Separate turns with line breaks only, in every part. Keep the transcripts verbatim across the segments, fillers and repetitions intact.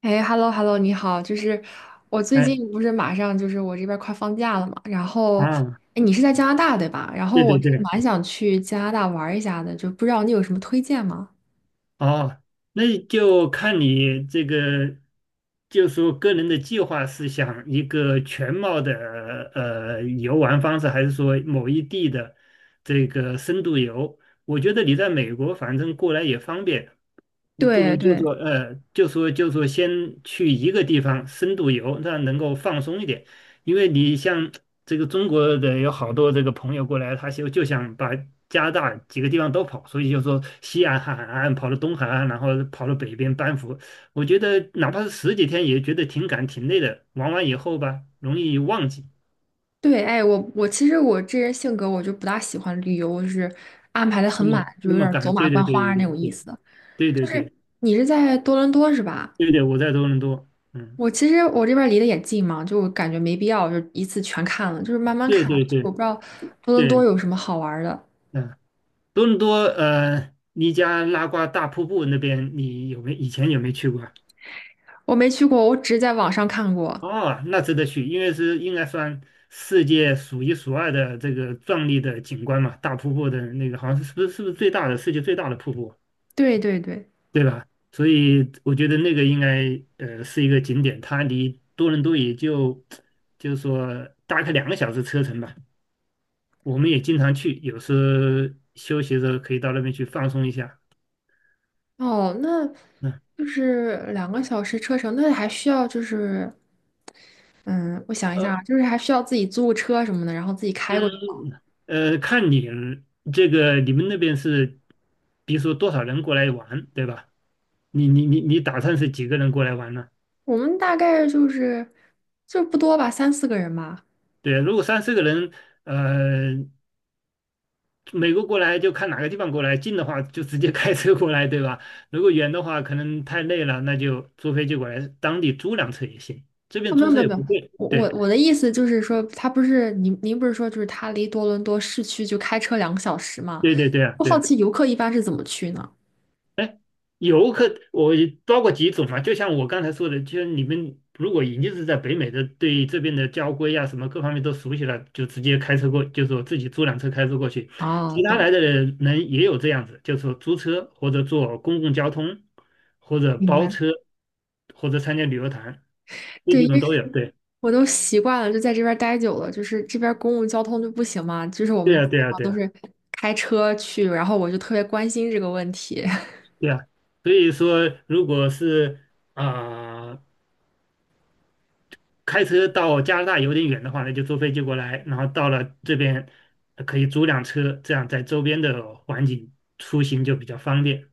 哎，hello hello，你好，就是我最
哎
近不是马上就是我这边儿快放假了嘛，然后，
啊，
哎，你是在加拿大对吧？然后
对对
我是
对，
蛮想去加拿大玩儿一下的，就不知道你有什么推荐吗？
哦，那就看你这个，就说个人的计划是想一个全貌的呃游玩方式，还是说某一地的这个深度游？我觉得你在美国反正过来也方便，你不
对
如就
对，
说，呃，就说就说先去一个地方深度游，这样能够放松一点。因为你像这个中国的有好多这个朋友过来，他就就想把加拿大几个地方都跑，所以就说西岸海岸跑到东海岸，然后跑到北边班夫。我觉得哪怕是十几天，也觉得挺赶挺累的。玩完以后吧，容易忘记
对，哎，我我其实我这人性格我就不大喜欢旅游，就是安排的很
那
满，
么
就
那
有点
么
儿走
赶。
马
对对
观
对
花那
对
种意
对
思。
对
就
对
是
对
你是在多伦多是吧？
对对，我在多伦多，嗯，
我其实我这边离得也近嘛，就我感觉没必要就一次全看了，就是慢慢
对
看。
对
我
对
不知道多伦多
对，
有什么好玩儿的。
嗯。多伦多呃，尼加拉瓜大瀑布那边，你有没以前有没有去过？
我没去过，我只在网上看过。
哦，那值得去，因为是应该算世界数一数二的这个壮丽的景观嘛，大瀑布的那个好像是是不是是不是最大的世界最大的瀑布，
对对对，
对吧？所以我觉得那个应该呃是一个景点，它离多伦多也就 就是说大概两个小时车程吧。我们也经常去，有时候休息的时候可以到那边去放松一下。
哦，那
嗯。
就是两个小时车程，那还需要就是，嗯，我想一下
呃
啊，就是还需要自己租个车什么的，然后自己开过
嗯，
去吗。
呃，看你这个你们那边是，比如说多少人过来玩，对吧？你你你你打算是几个人过来玩呢？
我们大概就是就不多吧，三四个人吧。
对，如果三四个人，呃，美国过来就看哪个地方过来，近的话就直接开车过来，对吧？如果远的话，可能太累了，那就坐飞机过来，当地租辆车也行，这
啊、
边
没
租
有没
车
有
也
没有，
不贵。
我我
对
我的意思就是说，他不是您您不是说就是他离多伦多市区就开车两个小时吗？
对对对啊，
我
对
好
啊。
奇游客一般是怎么去呢？
游客，我包括几种嘛，就像我刚才说的，就是你们如果已经是在北美的，对这边的交规啊什么各方面都熟悉了，就直接开车过，就是我自己租辆车开车过去。
啊，
其他
懂，
来的人人也有这样子，就是说租车或者坐公共交通，或者
明
包
白。
车，或者参加旅游团，这几
对。
种都有。对，
我都习惯了，就在这边儿待久了，就是这边儿公共交通就不行嘛，就是我
对
们
呀，
基
对
本
呀，
上
对
都
呀，
是开车去，然后我就特别关心这个问题。
对呀。所以说，如果是啊。开车到加拿大有点远的话呢，那就坐飞机过来，然后到了这边呃可以租辆车，这样在周边的环境出行就比较方便。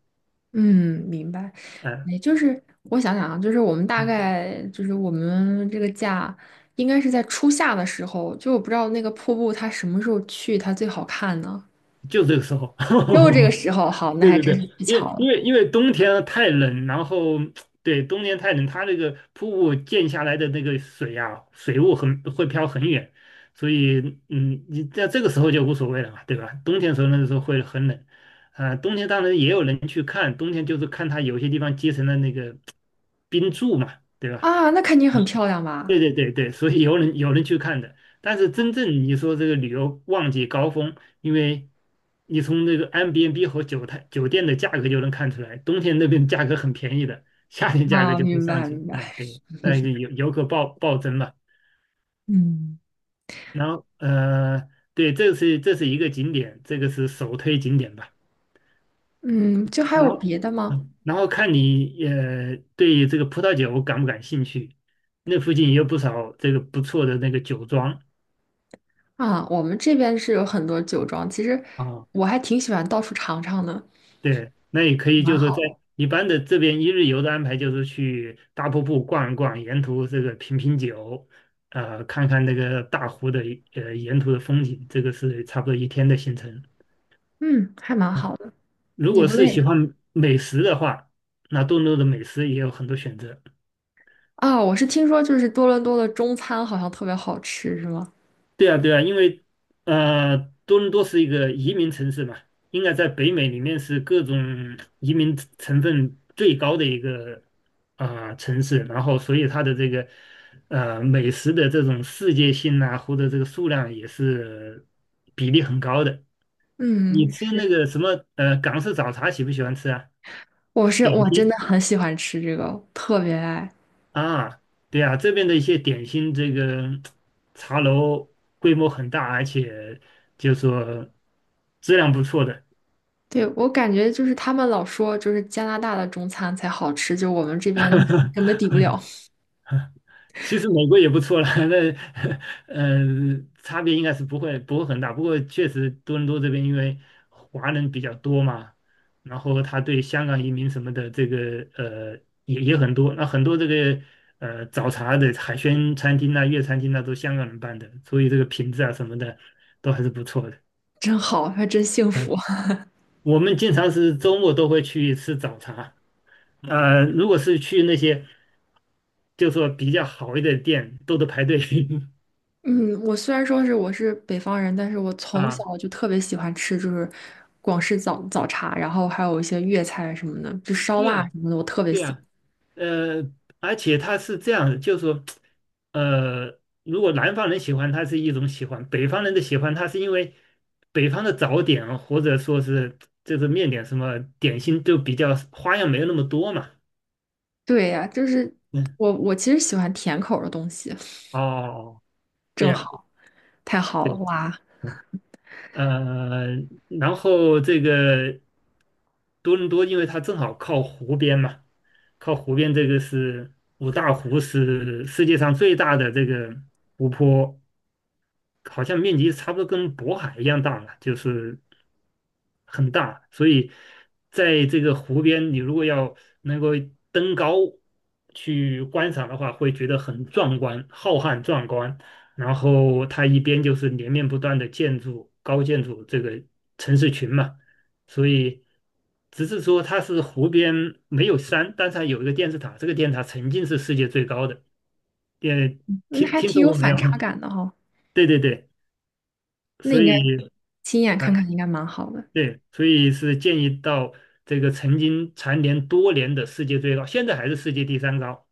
嗯，明白。
呃，
也就是我想想啊，就是我们大
嗯
概就是我们这个假应该是在初夏的时候，就我不知道那个瀑布它什么时候去它最好看呢？
就这个时候，
又这个时候，好，那
对
还
对
真
对，
是太
因
巧
为
了
因为因为冬天啊太冷，然后对冬天太冷，它那个瀑布溅下来的那个水啊，水雾很会飘很远，所以嗯，你在这个时候就无所谓了嘛，对吧？冬天时候那个时候会很冷，啊、冬天当然也有人去看，冬天就是看它有些地方结成了那个冰柱嘛，对吧？
啊，那肯定很漂亮吧？
对对对对，所以有人有人去看的，但是真正你说这个旅游旺季高峰，因为你从那个 M b n b 和酒店酒店的价格就能看出来，冬天那边价格很便宜的，夏天价格
啊，
就会
明
上
白
去。
明白。
啊。对，但是游游客暴暴增嘛。
嗯
然后呃，对，这是这是一个景点，这个是首推景点吧。
嗯，就还
然
有
后
别的吗？
嗯，然后看你也对这个葡萄酒感不感兴趣，那附近也有不少这个不错的那个酒庄。
啊，我们这边是有很多酒庄，其实
啊。
我还挺喜欢到处尝尝的，
对，那也可以，就
蛮
是说在
好，
一般的这边一日游的安排，就是去大瀑布逛一逛，沿途这个品品酒，呃，看看那个大湖的呃沿途的风景，这个是差不多一天的行程。
嗯，还蛮好
嗯
的，
如
也
果
不
是喜
累。
欢美食的话，那多伦多的美食也有很多选择。
啊，我是听说就是多伦多的中餐好像特别好吃，是吗？
对啊，对啊，因为呃，多伦多是一个移民城市嘛，应该在北美里面是各种移民成成分最高的一个啊、城市，然后所以它的这个呃美食的这种世界性啊，或者这个数量也是比例很高的。你
嗯，
吃
是，
那个什么呃港式早茶喜不喜欢吃啊？
我是
点
我真的
心
很喜欢吃这个，特别爱。
啊，对啊，这边的一些点心，这个茶楼规模很大，而且就说质量不错的。
对，我感觉就是他们老说就是加拿大的中餐才好吃，就我们这边根本 抵不了，
其实美国也不错了，那呃差别应该是不会不会很大，不过确实多伦多这边因为华人比较多嘛，然后他对香港移民什么的这个呃也也很多，那很多这个呃早茶的海鲜餐厅啊、粤餐厅啊都香港人办的，所以这个品质啊什么的都还是不错的。
真好，还真幸福。
我们经常是周末都会去吃早茶。呃，如果是去那些就说比较好一点的店，都得排队
嗯，我虽然说是我是北方人，但是我从
啊。
小就特别喜欢吃，就是广式早早茶，然后还有一些粤菜什么的，就烧
对
腊
呀、
什么的，我特别
对
喜欢。
啊，呃，而且它是这样的就是说，呃，如果南方人喜欢它是一种喜欢，北方人的喜欢它是因为北方的早点或者说是就是面点什么点心就比较花样没有那么多嘛。
对呀，就是
嗯，
我我其实喜欢甜口儿的东西，
哦，对
正
呀，
好，太好了，
对，
哇，
呃，然后这个多伦多，因为它正好靠湖边嘛，靠湖边这个是五大湖是世界上最大的这个湖泊。好像面积差不多跟渤海一样大了，就是很大，所以在这个湖边，你如果要能够登高去观赏的话，会觉得很壮观、浩瀚壮观。然后它一边就是连绵不断的建筑、高建筑这个城市群嘛，所以只是说它是湖边没有山，但是它有一个电视塔，这个电视塔曾经是世界最高的。电
那
听
还
听
挺
说
有
过没
反
有？
差感的哈、
对对对，
那
所
应该
以。
亲眼
啊。
看看应该蛮好的。
对，所以是建议到这个曾经蝉联多年的世界最高，现在还是世界第三高。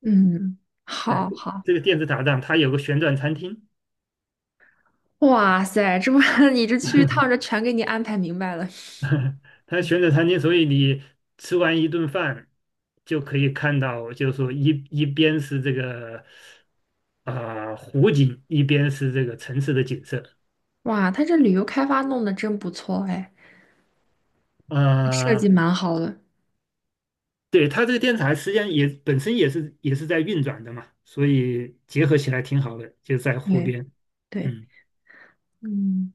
嗯，
哎，
好好，
这个电子塔上它有个旋转餐厅，
哇塞，这不 你这去一趟，这全给你安排明白了。
它旋转餐厅，所以你吃完一顿饭就可以看到，就是说一一边是这个啊、湖景，一边是这个城市的景色。
哇，他这旅游开发弄得真不错哎，这设计
呃，
蛮好的。
对，它这个电台实际上也本身也是也是在运转的嘛，所以结合起来挺好的，就在湖
对
边。
对，
嗯。
嗯，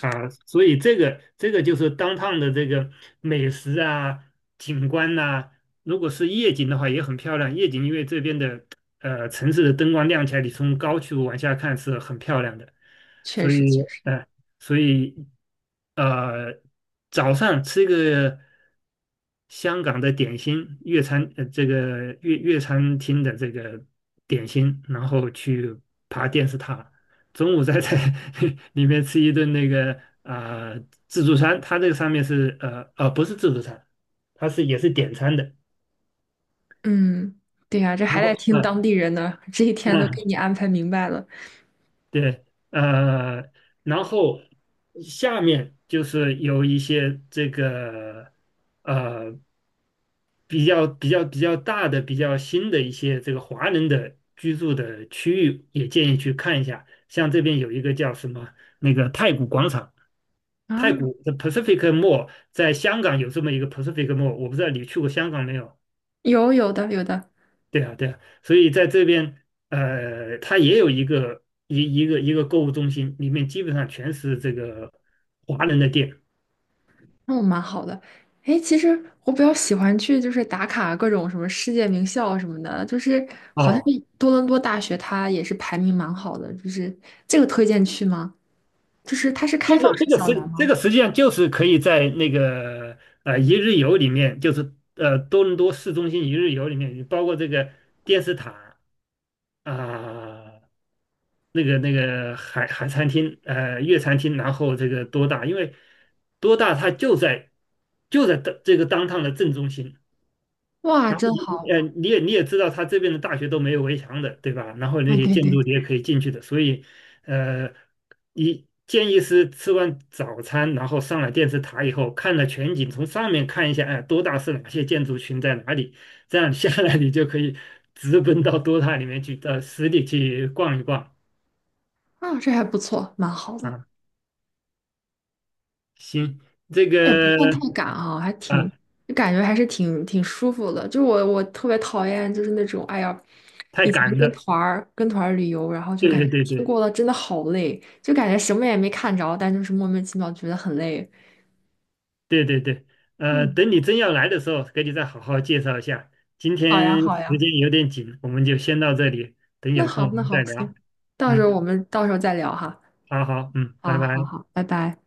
啊，所以这个这个就是当趟的这个美食啊、景观呐、如果是夜景的话也很漂亮。夜景因为这边的呃城市的灯光亮起来，你从高处往下看是很漂亮的。
确
所
实
以
确实，
呃，所以呃，早上吃一个香港的点心，粤餐呃这个粤粤餐厅的这个点心，然后去爬电视塔，中午在在 里面吃一顿那个啊、呃自助餐，它这个上面是呃呃不是自助餐，它是也是点餐的。
嗯，对呀，这还
然
得
后
听当
嗯
地人的，这一天都给
嗯
你安排明白了
对呃，然后下面就是有一些这个呃比较比较比较大的、比较新的一些这个华人的居住的区域，也建议去看一下。像这边有一个叫什么那个太古广场。太
啊。
古的 Pacific Mall 在香港有这么一个 Pacific Mall，我不知道你去过香港没有？
有有的有的，
对啊，对啊，所以在这边，呃，它也有一个一一个一个购物中心，里面基本上全是这个华人的店
那我蛮好的。哎，其实我比较喜欢去就是打卡各种什么世界名校什么的，就是好像
哦。
多伦多大学它也是排名蛮好的，就是这个推荐去吗？就是它是
这
开放
个这
式
个
校园
实这
吗？
个实际上就是可以在那个呃一日游里面，就是呃多伦多市中心一日游里面，包括这个电视塔啊、那个那个海海餐厅，呃，粤餐厅，然后这个多大，因为多大它就在就在的这个当趟的正中心，
哇，
然后
真
你你
好！
呃你也你也知道，它这边的大学都没有围墙的，对吧？然后
啊，
那些
对
建
对对，
筑你也可以进去的，所以呃，你建议是吃完早餐，然后上了电视塔以后，看了全景，从上面看一下，哎，多大是哪些建筑群在哪里，这样下来你就可以直奔到多大里面去，到实地去逛一逛。
啊，这还不错，蛮好的。
啊。行，这
也不
个
算太赶啊，还挺，
啊，
就感觉还是挺挺舒服的。就是我我特别讨厌就是那种，哎呀，
太
以前
赶
跟
了。
团儿跟团儿旅游，然后就
对
感觉
对
一
对
天
对
过得真的好累，就感觉什么也没看着，但就是莫名其妙觉得很累。
对对对，呃，
嗯，
等你真要来的时候，给你再好好介绍一下。今
好呀
天
好
时
呀，
间有点紧，我们就先到这里，等
那
有空
好
我
那
们
好，
再聊。
行，到时
嗯，
候我们到时候再聊哈。
好好，嗯，拜
啊，好
拜。
好，拜拜。